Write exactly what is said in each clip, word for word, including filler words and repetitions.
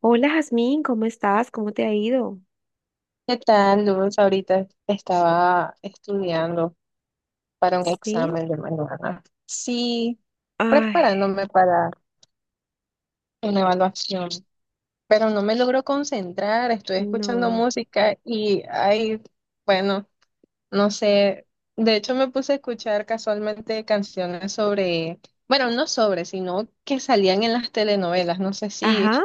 Hola Jazmín, ¿cómo estás? ¿Cómo te ha ido? ¿Qué tal, Luz? Ahorita estaba estudiando para un ¿Sí? examen de mañana. Sí, Ay, preparándome para una evaluación, pero no me logro concentrar. Estoy escuchando no. música y, ay, bueno, no sé. De hecho, me puse a escuchar casualmente canciones sobre, bueno, no sobre, sino que salían en las telenovelas. No sé si Ajá,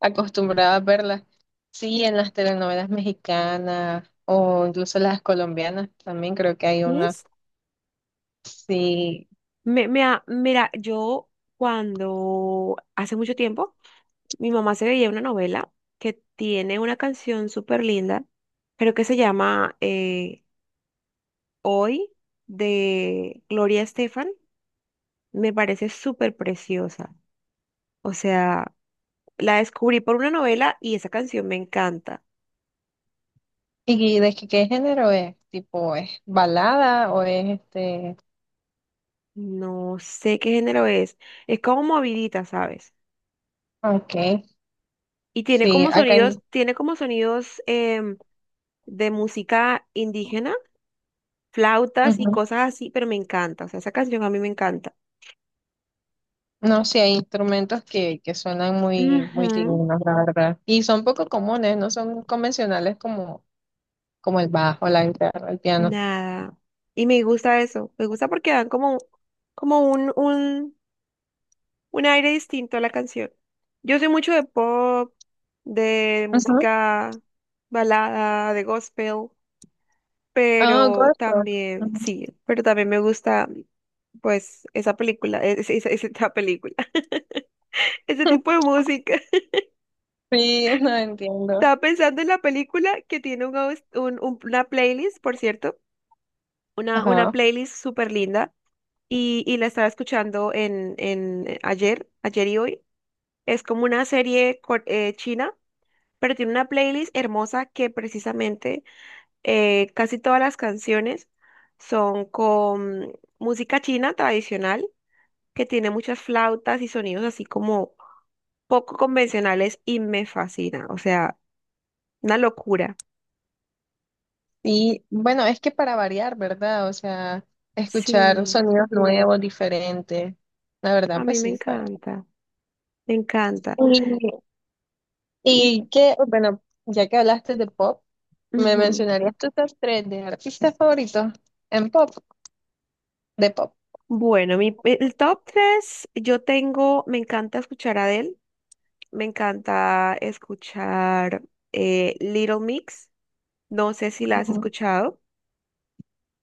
acostumbrada a verlas. Sí, en las telenovelas mexicanas o incluso las colombianas también creo que hay ¿sí? una. Sí. Me, me ha- mira, yo cuando hace mucho tiempo, mi mamá se veía una novela que tiene una canción súper linda, creo que se llama eh, Hoy de Gloria Estefan. Me parece súper preciosa. O sea, la descubrí por una novela y esa canción me encanta. ¿Y de qué, qué género es? ¿Tipo es balada o es este? No sé qué género es. Es como movidita, ¿sabes? Ah, okay. Y tiene Sí, como acá hay... sonidos, tiene como sonidos em, de música indígena, flautas y Ujú. cosas así, pero me encanta. O sea, esa canción a mí me encanta. No, sí hay instrumentos que, que suenan muy, muy Ujú, dignos, la verdad. Y son poco comunes, no son convencionales como, como el bajo, la guitarra, el piano. nada. Y me gusta eso. Me gusta porque dan como, como un, un, un aire distinto a la canción. Yo soy mucho de pop, de Ujú. música balada, de gospel. Ah, Pero gospel. también, Ujú. sí, pero también me gusta, pues, esa película, e, es- es- es- esa película, ese tipo de música. Sí, no entiendo. Estaba pensando en la película que tiene un, aus- un- un- una playlist, por cierto, una, una Ajá. playlist súper linda, y, y la estaba escuchando en, en eh, ayer, ayer y hoy. Es como una serie cor- eh, china, pero tiene una playlist hermosa que precisamente eh, casi todas las canciones son con música china tradicional que tiene muchas flautas y sonidos así como poco convencionales y me fascina, o sea, una locura. Y bueno, es que para variar, ¿verdad? O sea, escuchar Sí, sonidos nuevos, diferentes. La verdad, a mí pues me sí, para. encanta, me encanta. Y, Y y que, bueno, ya que hablaste de pop, ¿me ujú. mencionarías tus top tres de artistas favoritos en pop, de pop? Bueno, mi, el top tres, yo tengo, me encanta escuchar a Adele, me encanta escuchar eh, Little Mix, no sé si la has Ujú. escuchado,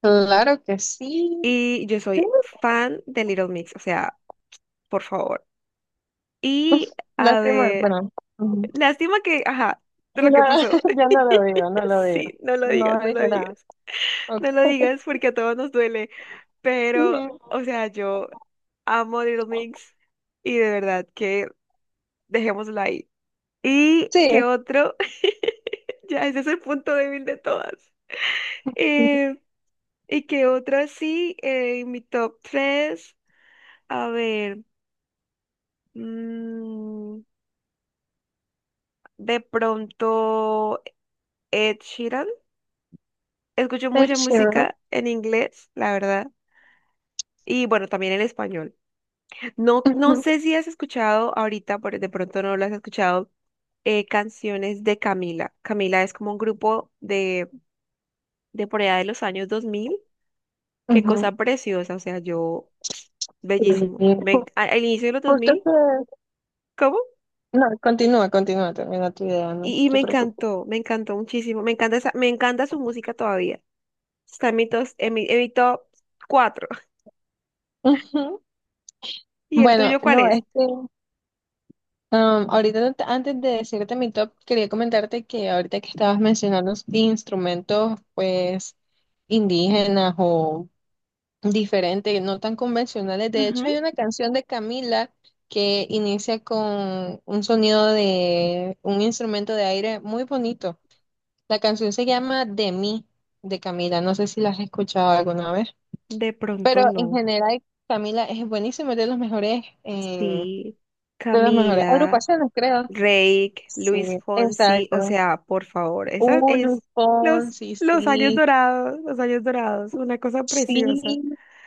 Claro que sí. y yo Sí, soy fan de Little Mix, o sea, por favor. Y a lástima, ver, bueno. Ujú. lástima que, ajá, de lo No, que pasó. yo no lo digo, no lo digo. Sí, no lo No digas, no lo dije nada. digas. No lo Ok. digas porque a todos nos duele. Pero, Ujú. o sea, yo amo Little Mix y de verdad que dejémoslo ahí. ¿Y qué Sí, otro? Ya, ese es el punto débil de todas. Eh, ¿Y qué otro así? Eh, en mi top tres, a ver, mm, de pronto Ed Sheeran. Escucho Ed mucha Sheeran. música en inglés, la verdad. Y bueno, también en español. No, no Ujú, sé si has escuchado ahorita, por de pronto no lo has escuchado, eh, canciones de Camila. Camila es como un grupo de, de por allá de los años dos mil. Qué ujú. cosa preciosa, o sea, yo, bellísimo. Me Sí. A- al inicio de los dos Justo mil que... ¿Cómo? No, continúa, continúa, termina tu idea, no Y, y me te preocupes. encantó, me encantó muchísimo. Me encanta esa- me encanta su música todavía. Está en mi, tos- en mi, en mi top cuatro. Ujú. ¿Y el Bueno, tuyo cuál no, es es? que um, ahorita no te... antes de decirte mi top, quería comentarte que ahorita que estabas mencionando instrumentos, pues, indígenas o diferentes, no tan convencionales. De hecho, hay Ujú. una canción de Camila que inicia con un sonido de un instrumento de aire muy bonito. La canción se llama De mí, de Camila. No sé si la has escuchado alguna vez. De pronto Pero en no. general, Camila es buenísimo, es de los mejores, eh, Sí, de las mejores Camila, agrupaciones, creo. Reik, Sí, Luis Fonsi, o exacto. sea, por favor, esa Uh, Luis es los, Fonsi, los años sí, dorados, los años dorados, una cosa preciosa. sí.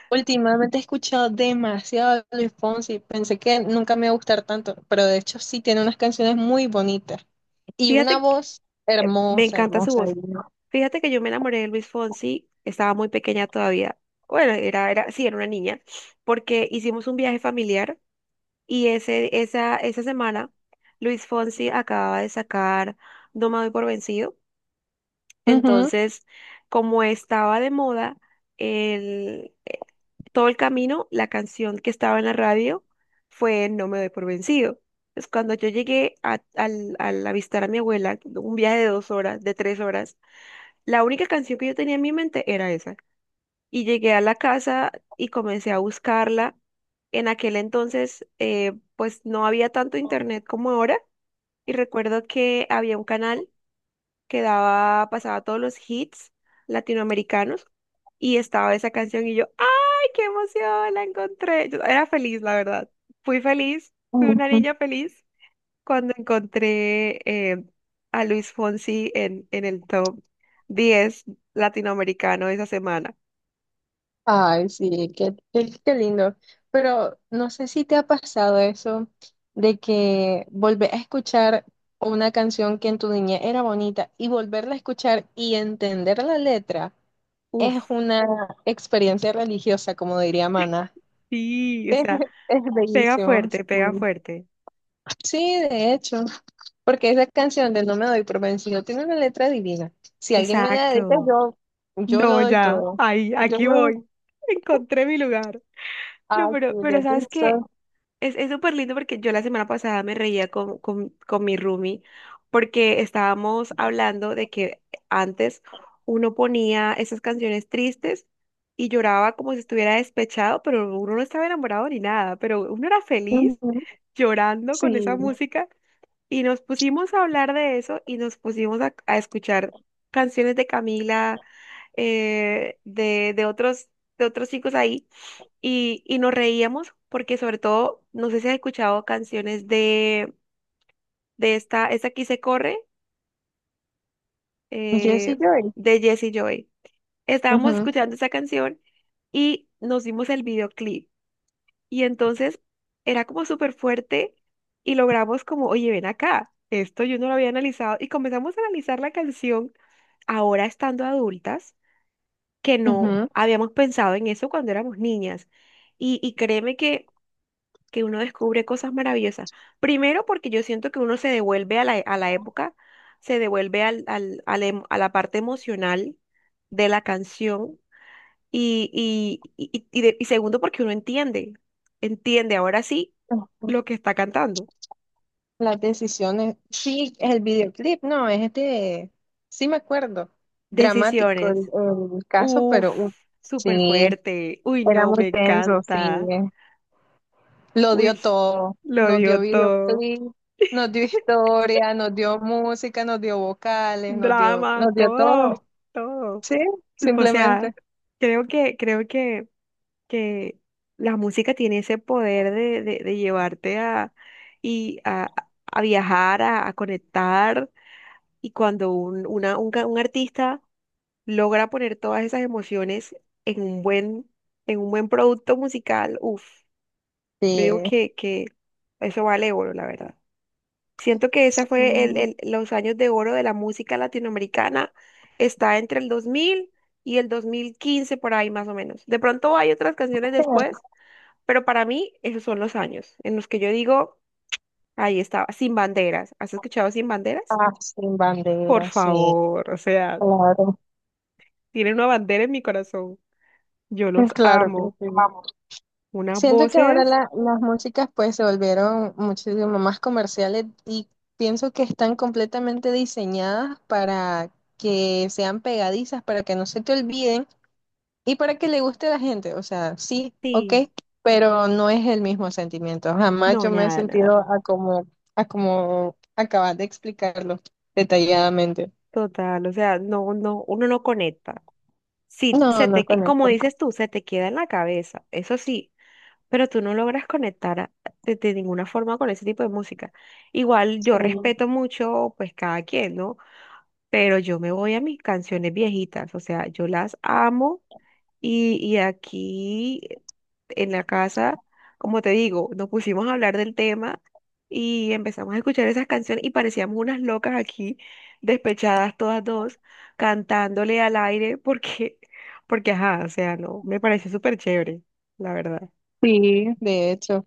Últimamente he escuchado demasiado a Luis Fonsi. Pensé que nunca me iba a gustar tanto, pero de hecho sí tiene unas canciones muy bonitas y una Fíjate, que- voz me hermosa, encanta su hermosa, voz. divina. Fíjate que yo me enamoré de Luis Fonsi, estaba muy pequeña todavía. Bueno, era, era, sí, era una niña, porque hicimos un viaje familiar y ese, esa, esa semana Luis Fonsi acababa de sacar No me doy por vencido. Entonces, como estaba de moda el, eh, todo el camino, la canción que estaba en la radio fue No me doy por vencido. Entonces, cuando yo llegué a- al, al avistar a mi abuela, un viaje de dos horas, de tres horas, la única canción que yo tenía en mi mente era esa. Y llegué a la casa y comencé a buscarla. En aquel entonces, eh, pues no había tanto internet como ahora. Y recuerdo que había un canal que daba, pasaba todos los hits latinoamericanos y estaba esa canción y yo, ¡ay, qué emoción! La encontré. Yo era feliz, la verdad. Fui feliz, fui una Ujú. niña feliz cuando encontré eh, a Luis Fonsi en, en el top diez latinoamericano esa semana. Ay, sí, qué, qué, qué lindo. Pero no sé si te ha pasado eso de que volver a escuchar una canción que en tu niñez era bonita y volverla a escuchar y entender la letra es Uf, una experiencia religiosa, como diría Mana. sí, o Es, sea, es pega bellísimo. fuerte, Sí. pega fuerte. Sí, de hecho, porque esa canción de No me doy por vencido tiene una letra divina. Si alguien me la dedica, Exacto. yo, yo lo No, doy ya, todo. ahí, Yo aquí lo doy. voy. Encontré mi lugar. No, Ah, sí, pero, de pero aquí ¿sabes qué? Es, es súper lindo porque yo la semana pasada me reía con, con, con mi roomie porque estábamos hablando de que antes uno ponía esas canciones tristes y lloraba como si estuviera despechado, pero uno no estaba enamorado ni nada, pero uno era soy. feliz llorando Sí, con esa música y nos pusimos a hablar de eso y nos pusimos a, a escuchar canciones de Camila, eh, de, de otros, de otros chicos ahí y, y nos reíamos porque sobre todo, no sé si has escuchado canciones de, de esta, esta aquí se corre, eh, Jessie Joy. de Jesse Joy. Estábamos Ujú, escuchando esa canción y nos dimos el videoclip. Y entonces era como súper fuerte y logramos como, oye, ven acá, esto yo no lo había analizado y comenzamos a analizar la canción ahora estando adultas, que no ujú, habíamos pensado en eso cuando éramos niñas. Y, y créeme que que uno descubre cosas maravillosas. Primero porque yo siento que uno se devuelve a la, a la época, se devuelve al, al- a la em- a la parte emocional de la canción y, y, y, y de- y segundo porque uno entiende, entiende ahora sí ujú. lo que está cantando. Las decisiones. Sí, el videoclip, no, es de, sí me acuerdo, dramático el, Decisiones. el caso, Uf, pero uf, súper sí, fuerte. Uy, era no, muy me tenso, sí. encanta. Lo dio Uy, todo, lo nos dio dio todo. videoclip, nos dio historia, nos dio música, nos dio vocales, nos dio, Drama, nos dio todo, todo, todo. sí, O sea, simplemente. creo que, creo que que la música tiene ese poder de, de- de llevarte a, y a, a viajar, a, a conectar. Y cuando un, una- un, ca- un artista logra poner todas esas emociones en un buen, en un buen producto musical, uff, yo digo Sí, que, que eso vale oro, la verdad. Siento que esa sí. fue el, el- los años de oro de la música latinoamericana. Está entre el dos mil y el dos mil quince por ahí más o menos. De pronto hay otras canciones después pero para mí, esos son los años en los que yo digo, ahí estaba, sin banderas. ¿Has escuchado sin banderas? Ah, sin Por bandera, sí. favor, o sea, Claro. tienen una bandera en mi corazón. Yo los Claro, te amo. entiendo. Vamos. Unas Siento que ahora voces, la... las músicas pues se volvieron muchísimo más comerciales y pienso que están completamente diseñadas para que sean pegadizas, para que no se te olviden y para que le guste a la gente. O sea, sí, ok, sí. pero no es el mismo sentimiento. Jamás No, yo me he nada, nada. sentido a como, a como acabas de explicarlo detalladamente. Total, o sea, no, no, uno no conecta. Sí, No, se no te, que- como conecta. dices tú, se te queda en la cabeza, eso sí, pero tú no logras conectar a- de, de ninguna forma con ese tipo de música. Igual yo Sí, respeto mucho, pues cada quien, ¿no? Pero yo me voy a mis canciones viejitas, o sea, yo las amo y, y aquí eh, en la casa, como te digo, nos pusimos a hablar del tema y empezamos a escuchar esas canciones y parecíamos unas locas aquí, despechadas todas dos, cantándole al aire porque, porque ajá, o sea, no, me pareció súper chévere, la verdad. sí, de hecho.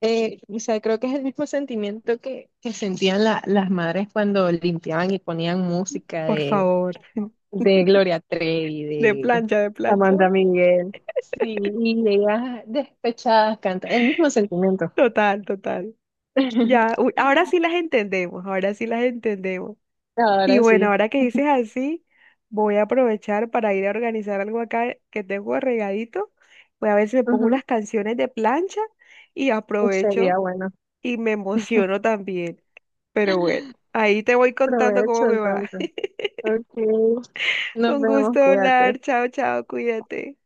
Eh, o sea, creo que es el mismo sentimiento que, que sentían la... las madres cuando limpiaban y ponían música Por de, favor, de Gloria Trevi, de de plancha, de plancha. Amanda Miguel. Sí, y ellas despechadas cantan, el mismo sentimiento. Total, total. Ya, uy, ahora sí las entendemos, ahora sí las entendemos. Y Ahora bueno, sí. ahora que dices así, voy a aprovechar para ir a organizar algo acá que tengo regadito. Voy a ver si me pongo Ujú, unas canciones de plancha y sería aprovecho bueno. y me emociono también. Pero bueno, ahí te voy contando Provecho cómo me va. entonces. Ok, nos Un gusto vemos, cuídate. hablar. Chao, chao, cuídate.